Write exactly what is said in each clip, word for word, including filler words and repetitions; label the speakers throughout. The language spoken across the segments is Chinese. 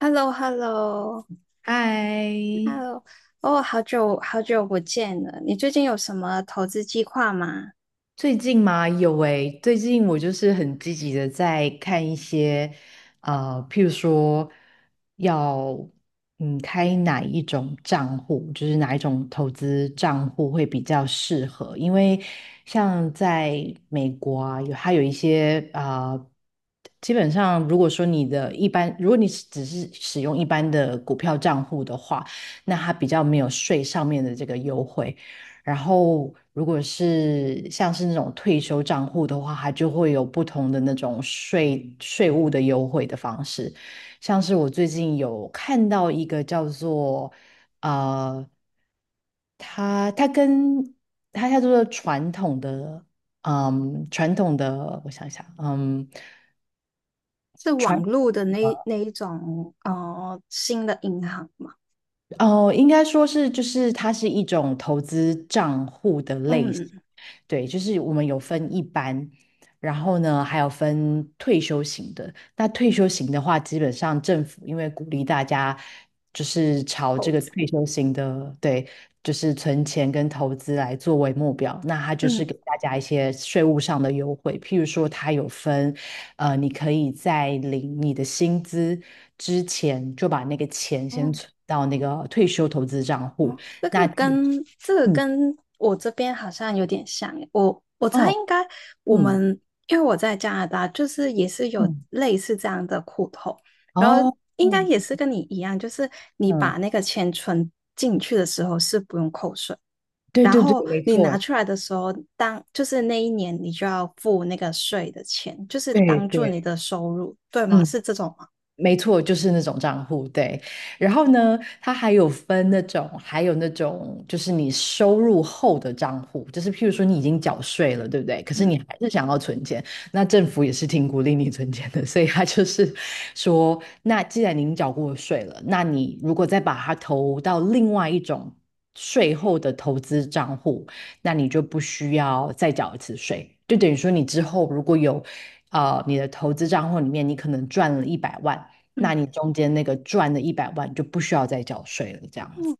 Speaker 1: h e l l o h e l l o h e l l
Speaker 2: 嗨，
Speaker 1: o 哦，好久好久不见了。你最近有什么投资计划吗？
Speaker 2: 最近嘛，有诶，最近我就是很积极的在看一些，呃，譬如说要嗯开哪一种账户，就是哪一种投资账户会比较适合，因为像在美国啊，有它有一些啊、呃基本上如果说你的一般，如果你是只是使用一般的股票账户的话，那它比较没有税上面的这个优惠。然后，如果是像是那种退休账户的话，它就会有不同的那种税税务的优惠的方式。像是我最近有看到一个叫做呃，它它跟它叫做传统的嗯传统的，我想想，嗯
Speaker 1: 是网
Speaker 2: 传
Speaker 1: 络的那那一种哦，呃新的银行吗？
Speaker 2: 哦，应该说是就是它是一种投资账户的类型。
Speaker 1: 嗯，
Speaker 2: 对，就是我们有分一般，然后呢，还有分退休型的。那退休型的话，基本上政府因为鼓励大家就是朝这
Speaker 1: 投
Speaker 2: 个
Speaker 1: 资，
Speaker 2: 退休型的，对，就是存钱跟投资来作为目标，那它就是
Speaker 1: 嗯，
Speaker 2: 给大家一些税务上的优惠，譬如说它有分，呃，你可以在领你的薪资之前就把那个钱先
Speaker 1: 哦
Speaker 2: 存到那个退休投资账户，
Speaker 1: 哦，这
Speaker 2: 那
Speaker 1: 个跟这个
Speaker 2: 嗯
Speaker 1: 跟我这边好像有点像耶，我我猜
Speaker 2: 哦，
Speaker 1: 应该我
Speaker 2: 嗯。
Speaker 1: 们因为我在加拿大，就是也是有
Speaker 2: 嗯
Speaker 1: 类似这样的苦头，然后
Speaker 2: 哦，
Speaker 1: 应该
Speaker 2: 嗯
Speaker 1: 也是跟你一样，就是你把
Speaker 2: 嗯，
Speaker 1: 那个钱存进去的时候是不用扣税，
Speaker 2: 对
Speaker 1: 然
Speaker 2: 对对，
Speaker 1: 后
Speaker 2: 没
Speaker 1: 你拿
Speaker 2: 错，
Speaker 1: 出来的时候，当就是那一年你就要付那个税的钱，就是
Speaker 2: 对
Speaker 1: 当做你
Speaker 2: 对，
Speaker 1: 的收入，对吗？
Speaker 2: 嗯，
Speaker 1: 是这种吗？
Speaker 2: 没错，就是那种账户，对。然后呢，它还有分那种，还有那种，就是你收入后的账户，就是譬如说你已经缴税了，对不对？可是
Speaker 1: 嗯
Speaker 2: 你还是想要存钱，那政府也是挺鼓励你存钱的，所以他就是说，那既然您缴过税了，那你如果再把它投到另外一种税后的投资账户，那你就不需要再缴一次税，就等于说你之后如果有。呃，你的投资账户里面，你可能赚了一百万，
Speaker 1: 嗯。
Speaker 2: 那你中间那个赚的一百万就不需要再缴税了，这样子，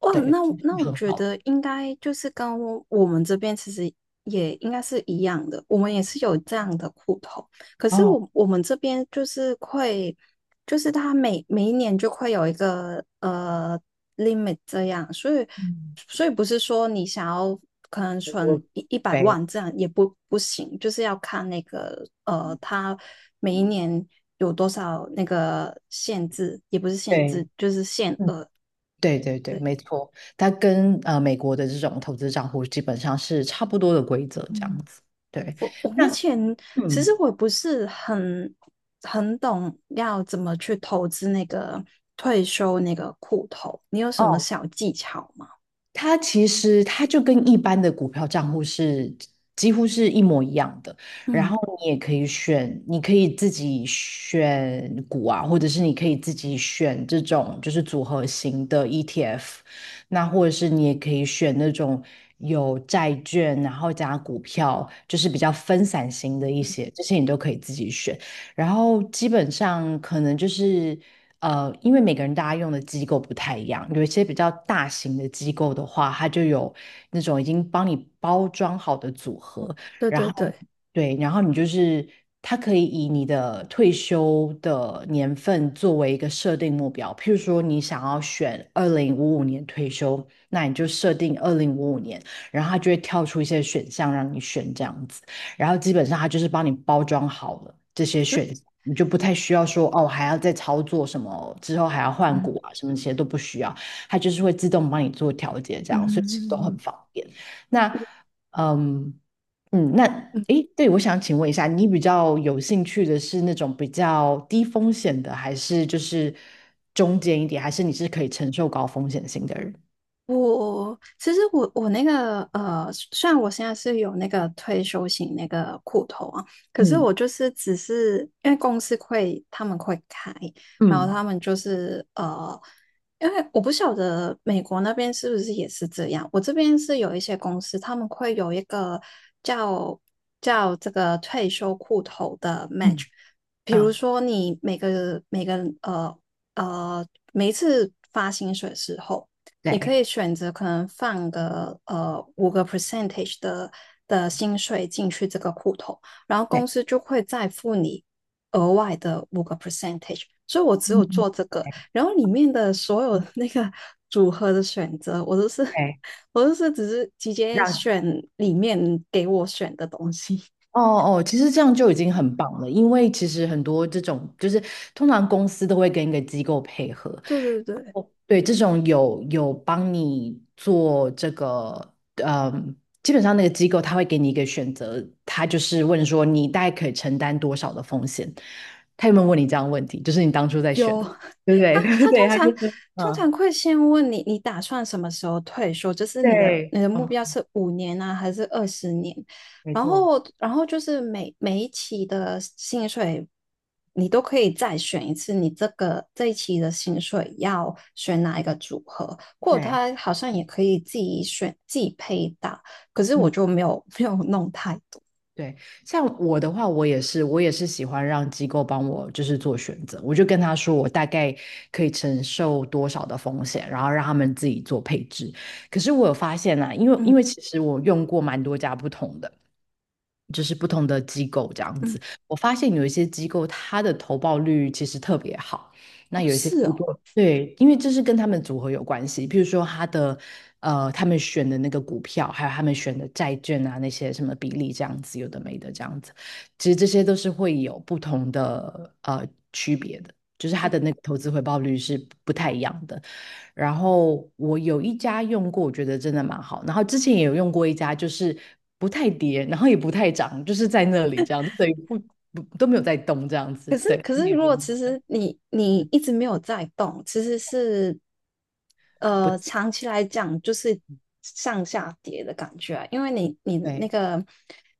Speaker 1: 哇，
Speaker 2: 对，
Speaker 1: 那我那我
Speaker 2: 很
Speaker 1: 觉
Speaker 2: 好。
Speaker 1: 得应该就是跟我我们这边其实也应该是一样的，我们也是有这样的户头，可是
Speaker 2: 哦，
Speaker 1: 我我们这边就是会，就是他每每一年就会有一个呃 limit 这样，所以
Speaker 2: 嗯，
Speaker 1: 所以不是说你想要可能
Speaker 2: 我
Speaker 1: 存一一百
Speaker 2: 对
Speaker 1: 万这样也不不行，就是要看那个呃他每一年有多少那个限制，也不是限
Speaker 2: 对，
Speaker 1: 制，就是限
Speaker 2: 嗯，
Speaker 1: 额。
Speaker 2: 对对对，
Speaker 1: 对。
Speaker 2: 没错，它跟呃美国的这种投资账户基本上是差不多的规则，这
Speaker 1: 嗯。
Speaker 2: 样子。对，
Speaker 1: 我我目
Speaker 2: 那
Speaker 1: 前其实
Speaker 2: 嗯，
Speaker 1: 我不是很很懂要怎么去投资那个退休那个户头，你有什么
Speaker 2: 哦，
Speaker 1: 小技巧吗？
Speaker 2: 它其实它就跟一般的股票账户是几乎是一模一样的，然后
Speaker 1: 嗯，
Speaker 2: 你也可以选，你可以自己选股啊，或者是你可以自己选这种就是组合型的 E T F，那或者是你也可以选那种有债券，然后加股票，就是比较分散型的一些，这些你都可以自己选。然后基本上可能就是呃，因为每个人大家用的机构不太一样，有一些比较大型的机构的话，它就有那种已经帮你包装好的组合，
Speaker 1: 对
Speaker 2: 然
Speaker 1: 对
Speaker 2: 后
Speaker 1: 对，
Speaker 2: 对，然后你就是它可以以你的退休的年份作为一个设定目标，譬如说你想要选二零五五年退休，那你就设定二零五五年，然后它就会跳出一些选项让你选这样子。然后基本上它就是帮你包装好了这些选项，你就不太需要说哦还要再操作什么，之后还要换
Speaker 1: 嗯
Speaker 2: 股啊什么这些都不需要，它就是会自动帮你做调节，这
Speaker 1: 嗯
Speaker 2: 样所以其实都很方
Speaker 1: 嗯
Speaker 2: 便。那嗯嗯，那
Speaker 1: 嗯
Speaker 2: 诶，对，我想请问一下，你比较有兴趣的是那种比较低风险的，还是就是中间一点，还是你是可以承受高风险性的人？
Speaker 1: 我其实我我那个呃，虽然我现在是有那个退休型那个户头啊，可是
Speaker 2: 嗯
Speaker 1: 我就是只是因为公司会他们会开，然后
Speaker 2: 嗯
Speaker 1: 他们就是呃，因为我不晓得美国那边是不是也是这样，我这边是有一些公司他们会有一个叫叫这个退休户头的 match，
Speaker 2: 嗯
Speaker 1: 比如
Speaker 2: 嗯，
Speaker 1: 说你每个每个呃呃每一次发薪水的时候。你可
Speaker 2: 对
Speaker 1: 以选择可能放个呃五个 percentage 的的薪水进去这个户头，然后公
Speaker 2: 对，
Speaker 1: 司就会再付你额外的五个 percentage。所以我只有
Speaker 2: 嗯
Speaker 1: 做这个，然后里面的所有那个 组合的选择，我都是
Speaker 2: 对，
Speaker 1: 我都是只是直接
Speaker 2: 让
Speaker 1: 选里面给我选的东西。
Speaker 2: 哦哦，其实这样就已经很棒了，因为其实很多这种就是通常公司都会跟一个机构配合，
Speaker 1: 对对对。
Speaker 2: 哦对，这种有有帮你做这个，嗯，基本上那个机构他会给你一个选择，他就是问说你大概可以承担多少的风险，他有没有问你这样的问题？就是你当初在选
Speaker 1: 有，
Speaker 2: 的，对不
Speaker 1: 他
Speaker 2: 对？
Speaker 1: 他
Speaker 2: 对，
Speaker 1: 通
Speaker 2: 他就
Speaker 1: 常
Speaker 2: 说，
Speaker 1: 通
Speaker 2: 嗯，
Speaker 1: 常会先问你，你打算什么时候退休？就是你的
Speaker 2: 对，
Speaker 1: 你的目
Speaker 2: 哦，
Speaker 1: 标是五年啊，还是二十年？
Speaker 2: 没
Speaker 1: 然
Speaker 2: 错，
Speaker 1: 后然后就是每每一期的薪水，你都可以再选一次，你这个这一期的薪水要选哪一个组合？或者
Speaker 2: 对，
Speaker 1: 他好像也可以自己选自己配搭，可是我
Speaker 2: 嗯。
Speaker 1: 就没有没有弄太多。
Speaker 2: 对，像我的话，我也是，我也是喜欢让机构帮我就是做选择，我就跟他说我大概可以承受多少的风险，然后让他们自己做配置。可是我有发现啊，因为
Speaker 1: 嗯
Speaker 2: 因为其实我用过蛮多家不同的，就是不同的机构这样
Speaker 1: 嗯，
Speaker 2: 子，我发现有一些机构它的投报率其实特别好，那
Speaker 1: 哦，
Speaker 2: 有一些
Speaker 1: 是
Speaker 2: 机
Speaker 1: 哦。
Speaker 2: 构对，因为这是跟他们组合有关系，譬如说他的呃，他们选的那个股票，还有他们选的债券啊，那些什么比例这样子，有的没的这样子，其实这些都是会有不同的呃区别的，就是他的那个投资回报率是不太一样的。然后我有一家用过，我觉得真的蛮好，然后之前也有用过一家，就是不太跌，然后也不太涨，就是在那里这样，对，不不都没有在动这样子，
Speaker 1: 可是，
Speaker 2: 对，
Speaker 1: 可
Speaker 2: 你
Speaker 1: 是，
Speaker 2: 也
Speaker 1: 如
Speaker 2: 不
Speaker 1: 果其实你你一直没有在动，其实是
Speaker 2: 不
Speaker 1: 呃
Speaker 2: 太
Speaker 1: 长期来讲就是上下跌的感觉啊，因为你你那
Speaker 2: 对。
Speaker 1: 个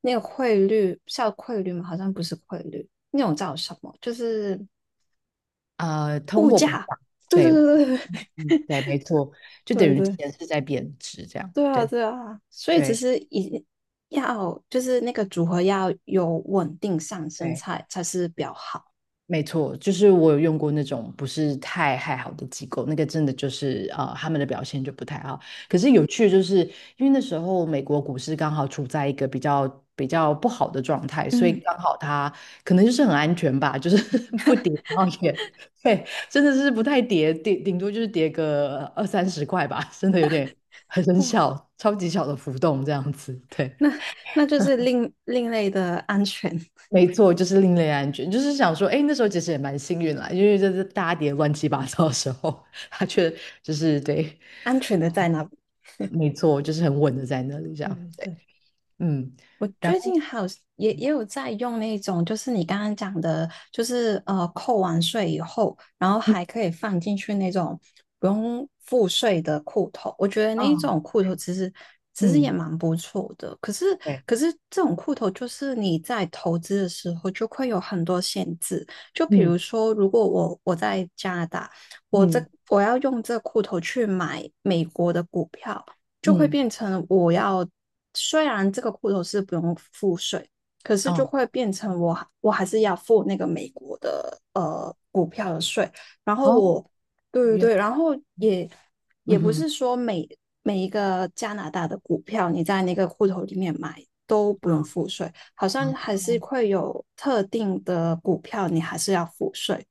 Speaker 1: 那个汇率叫汇率吗？好像不是汇率，那种叫什么？就是
Speaker 2: 呃，通货膨胀，
Speaker 1: 对
Speaker 2: 对，
Speaker 1: 对对对
Speaker 2: 嗯，
Speaker 1: 对
Speaker 2: 嗯对，没错，就等
Speaker 1: 对
Speaker 2: 于
Speaker 1: 对
Speaker 2: 钱是在贬值，这样，
Speaker 1: 对啊
Speaker 2: 对，
Speaker 1: 对啊，所以其
Speaker 2: 对，
Speaker 1: 实一要就是那个组合要有稳定上升
Speaker 2: 对。
Speaker 1: 才才是比较好。
Speaker 2: 没错，就是我有用过那种不是太太好的机构，那个真的就是呃，他们的表现就不太好。可是有趣的就是，因为那时候美国股市刚好处在一个比较比较不好的状态，所以
Speaker 1: 嗯，
Speaker 2: 刚好它可能就是很安全吧，就是 不跌，然后也对，真的是不太跌，顶顶多就是跌个二三十块吧，真的有点很很
Speaker 1: 哇，
Speaker 2: 小，超级小的浮动这样子，对。
Speaker 1: 那那就是另另类的安全。
Speaker 2: 没错，就是另类安全，就是想说，哎，那时候其实也蛮幸运啦，因为就是大家跌得乱七八糟的时候，他却就是对，
Speaker 1: 安全的在那里。
Speaker 2: 没错，就是很稳的在那里这
Speaker 1: 对
Speaker 2: 样，对，
Speaker 1: 对对，
Speaker 2: 嗯，
Speaker 1: 我
Speaker 2: 然
Speaker 1: 最
Speaker 2: 后
Speaker 1: 近还有也也有在用那种，就是你刚刚讲的，就是呃扣完税以后，然后
Speaker 2: 嗯，
Speaker 1: 还可以放进去那种不用付税的裤头。我觉得那
Speaker 2: 啊，
Speaker 1: 一种裤头
Speaker 2: 对，
Speaker 1: 其实其实也
Speaker 2: 嗯，
Speaker 1: 蛮不错的，可是
Speaker 2: 对，
Speaker 1: 可是这种裤头就是你在投资的时候就会有很多限制，就比如
Speaker 2: 嗯
Speaker 1: 说如果我我在加拿大，我这
Speaker 2: 嗯
Speaker 1: 我要用这裤头去买美国的股票。就会
Speaker 2: 嗯，
Speaker 1: 变成我要，虽然这个户头是不用付税，可是就
Speaker 2: 哦
Speaker 1: 会变成我还我还是要付那个美国的呃股票的税。然后
Speaker 2: 哦，
Speaker 1: 我，对对
Speaker 2: 原
Speaker 1: 对，
Speaker 2: 来，
Speaker 1: 然后也也
Speaker 2: 嗯
Speaker 1: 不
Speaker 2: 哼，
Speaker 1: 是说每每一个加拿大的股票你在那个户头里面买都不用
Speaker 2: 啊
Speaker 1: 付税，好
Speaker 2: 啊
Speaker 1: 像还是会有特定的股票你还是要付税。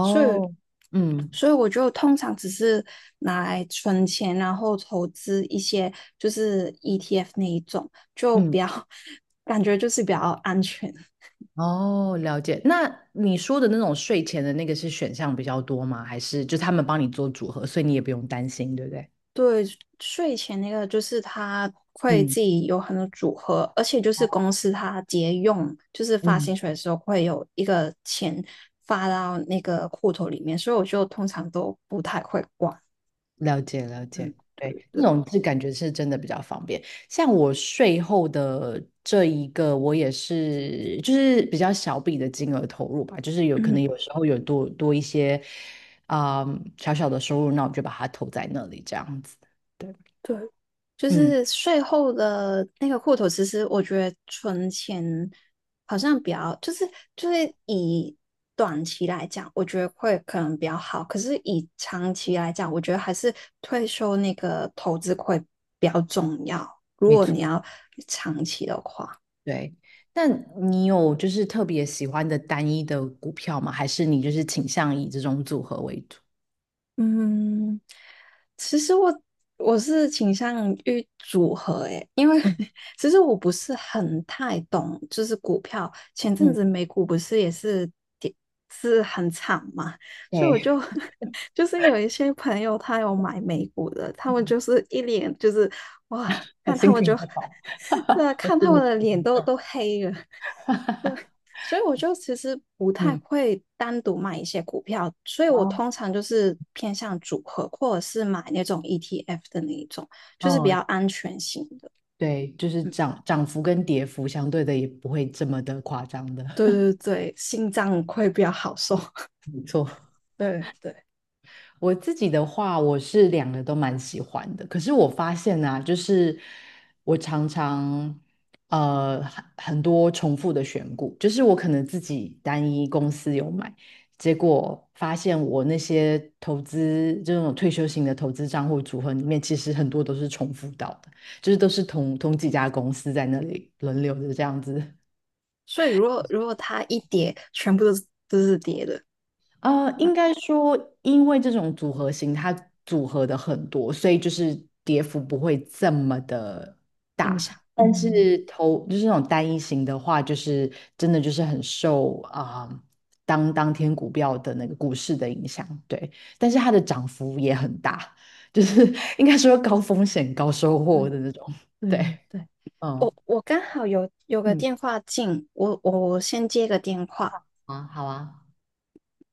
Speaker 1: 所以，
Speaker 2: 嗯
Speaker 1: 所以我就通常只是拿来存钱，然后投资一些就是 E T F 那一种，就
Speaker 2: 嗯，
Speaker 1: 比较 感觉就是比较安全。
Speaker 2: 哦，了解。那你说的那种睡前的那个是选项比较多吗？还是就他们帮你做组合，所以你也不用担心，对不对？
Speaker 1: 对，税前那个就是他会
Speaker 2: 嗯
Speaker 1: 自己有很多组合，而且就是公司它节用，就是发
Speaker 2: 嗯，
Speaker 1: 薪水的时候会有一个钱发到那个户头里面，所以我就通常都不太会管。
Speaker 2: 了解了
Speaker 1: 嗯，
Speaker 2: 解，对，
Speaker 1: 对对
Speaker 2: 那
Speaker 1: 对，
Speaker 2: 种是感觉是真的比较方便。像我税后的这一个，我也是就是比较小笔的金额投入吧，就是有可
Speaker 1: 嗯。
Speaker 2: 能有时候有多多一些啊、小小的收入，那我就把它投在那里这样子。对，
Speaker 1: 对，就
Speaker 2: 嗯，
Speaker 1: 是税后的那个户头，其实我觉得存钱好像比较，就是就是以短期来讲，我觉得会可能比较好。可是以长期来讲，我觉得还是退休那个投资会比较重要。如
Speaker 2: 没
Speaker 1: 果
Speaker 2: 错，
Speaker 1: 你要
Speaker 2: 对。那你有就是特别喜欢的单一的股票吗？还是你就是倾向以这种组合为主？
Speaker 1: 嗯，其实我我是倾向于组合诶，因为
Speaker 2: 嗯
Speaker 1: 其实我不是很太懂，就是股票。前阵
Speaker 2: 嗯，
Speaker 1: 子美股不是也是跌是很惨嘛，所以我
Speaker 2: 对，
Speaker 1: 就 就是有一些朋友他有买美股的，他 们
Speaker 2: 嗯，
Speaker 1: 就是一脸就是哇，
Speaker 2: 还
Speaker 1: 看他
Speaker 2: 心
Speaker 1: 们就
Speaker 2: 情不好，
Speaker 1: 对啊，
Speaker 2: 还是
Speaker 1: 看他们
Speaker 2: 你。
Speaker 1: 的脸都都黑了。所以我就其实不太
Speaker 2: 嗯，
Speaker 1: 会单独买一些股票，所以我
Speaker 2: 哦，
Speaker 1: 通常就是偏向组合，或者是买那种 E T F 的那一种，就是比
Speaker 2: 哦，
Speaker 1: 较安全型的。
Speaker 2: 对，就是
Speaker 1: 嗯，
Speaker 2: 涨涨幅跟跌幅相对的也不会这么的夸张的，
Speaker 1: 对对对，心脏会比较好受。
Speaker 2: 没错。
Speaker 1: 对对，
Speaker 2: 我自己的话，我是两个都蛮喜欢的。可是我发现啊，就是我常常呃很很多重复的选股，就是我可能自己单一公司有买，结果发现我那些投资这种退休型的投资账户组合里面，其实很多都是重复到的，就是都是同同几家公司在那里轮流的这样子
Speaker 1: 所以如果如果它一跌，全部都是都是跌的，
Speaker 2: 呃，应
Speaker 1: 嗯，
Speaker 2: 该说，因为这种组合型，它组合的很多，所以就是跌幅不会这么的
Speaker 1: 印
Speaker 2: 大。
Speaker 1: 象。
Speaker 2: 但
Speaker 1: 嗯，
Speaker 2: 是投就是那种单一型的话，就是真的就是很受啊、当当天股票的那个股市的影响，对。但是它的涨幅也很大，就是 应该说高风险高收获的那种，
Speaker 1: 对对
Speaker 2: 对，
Speaker 1: 对对，
Speaker 2: 嗯
Speaker 1: 我我刚好有有个
Speaker 2: 嗯，
Speaker 1: 电话进，我我先接个电话。
Speaker 2: 啊，好啊。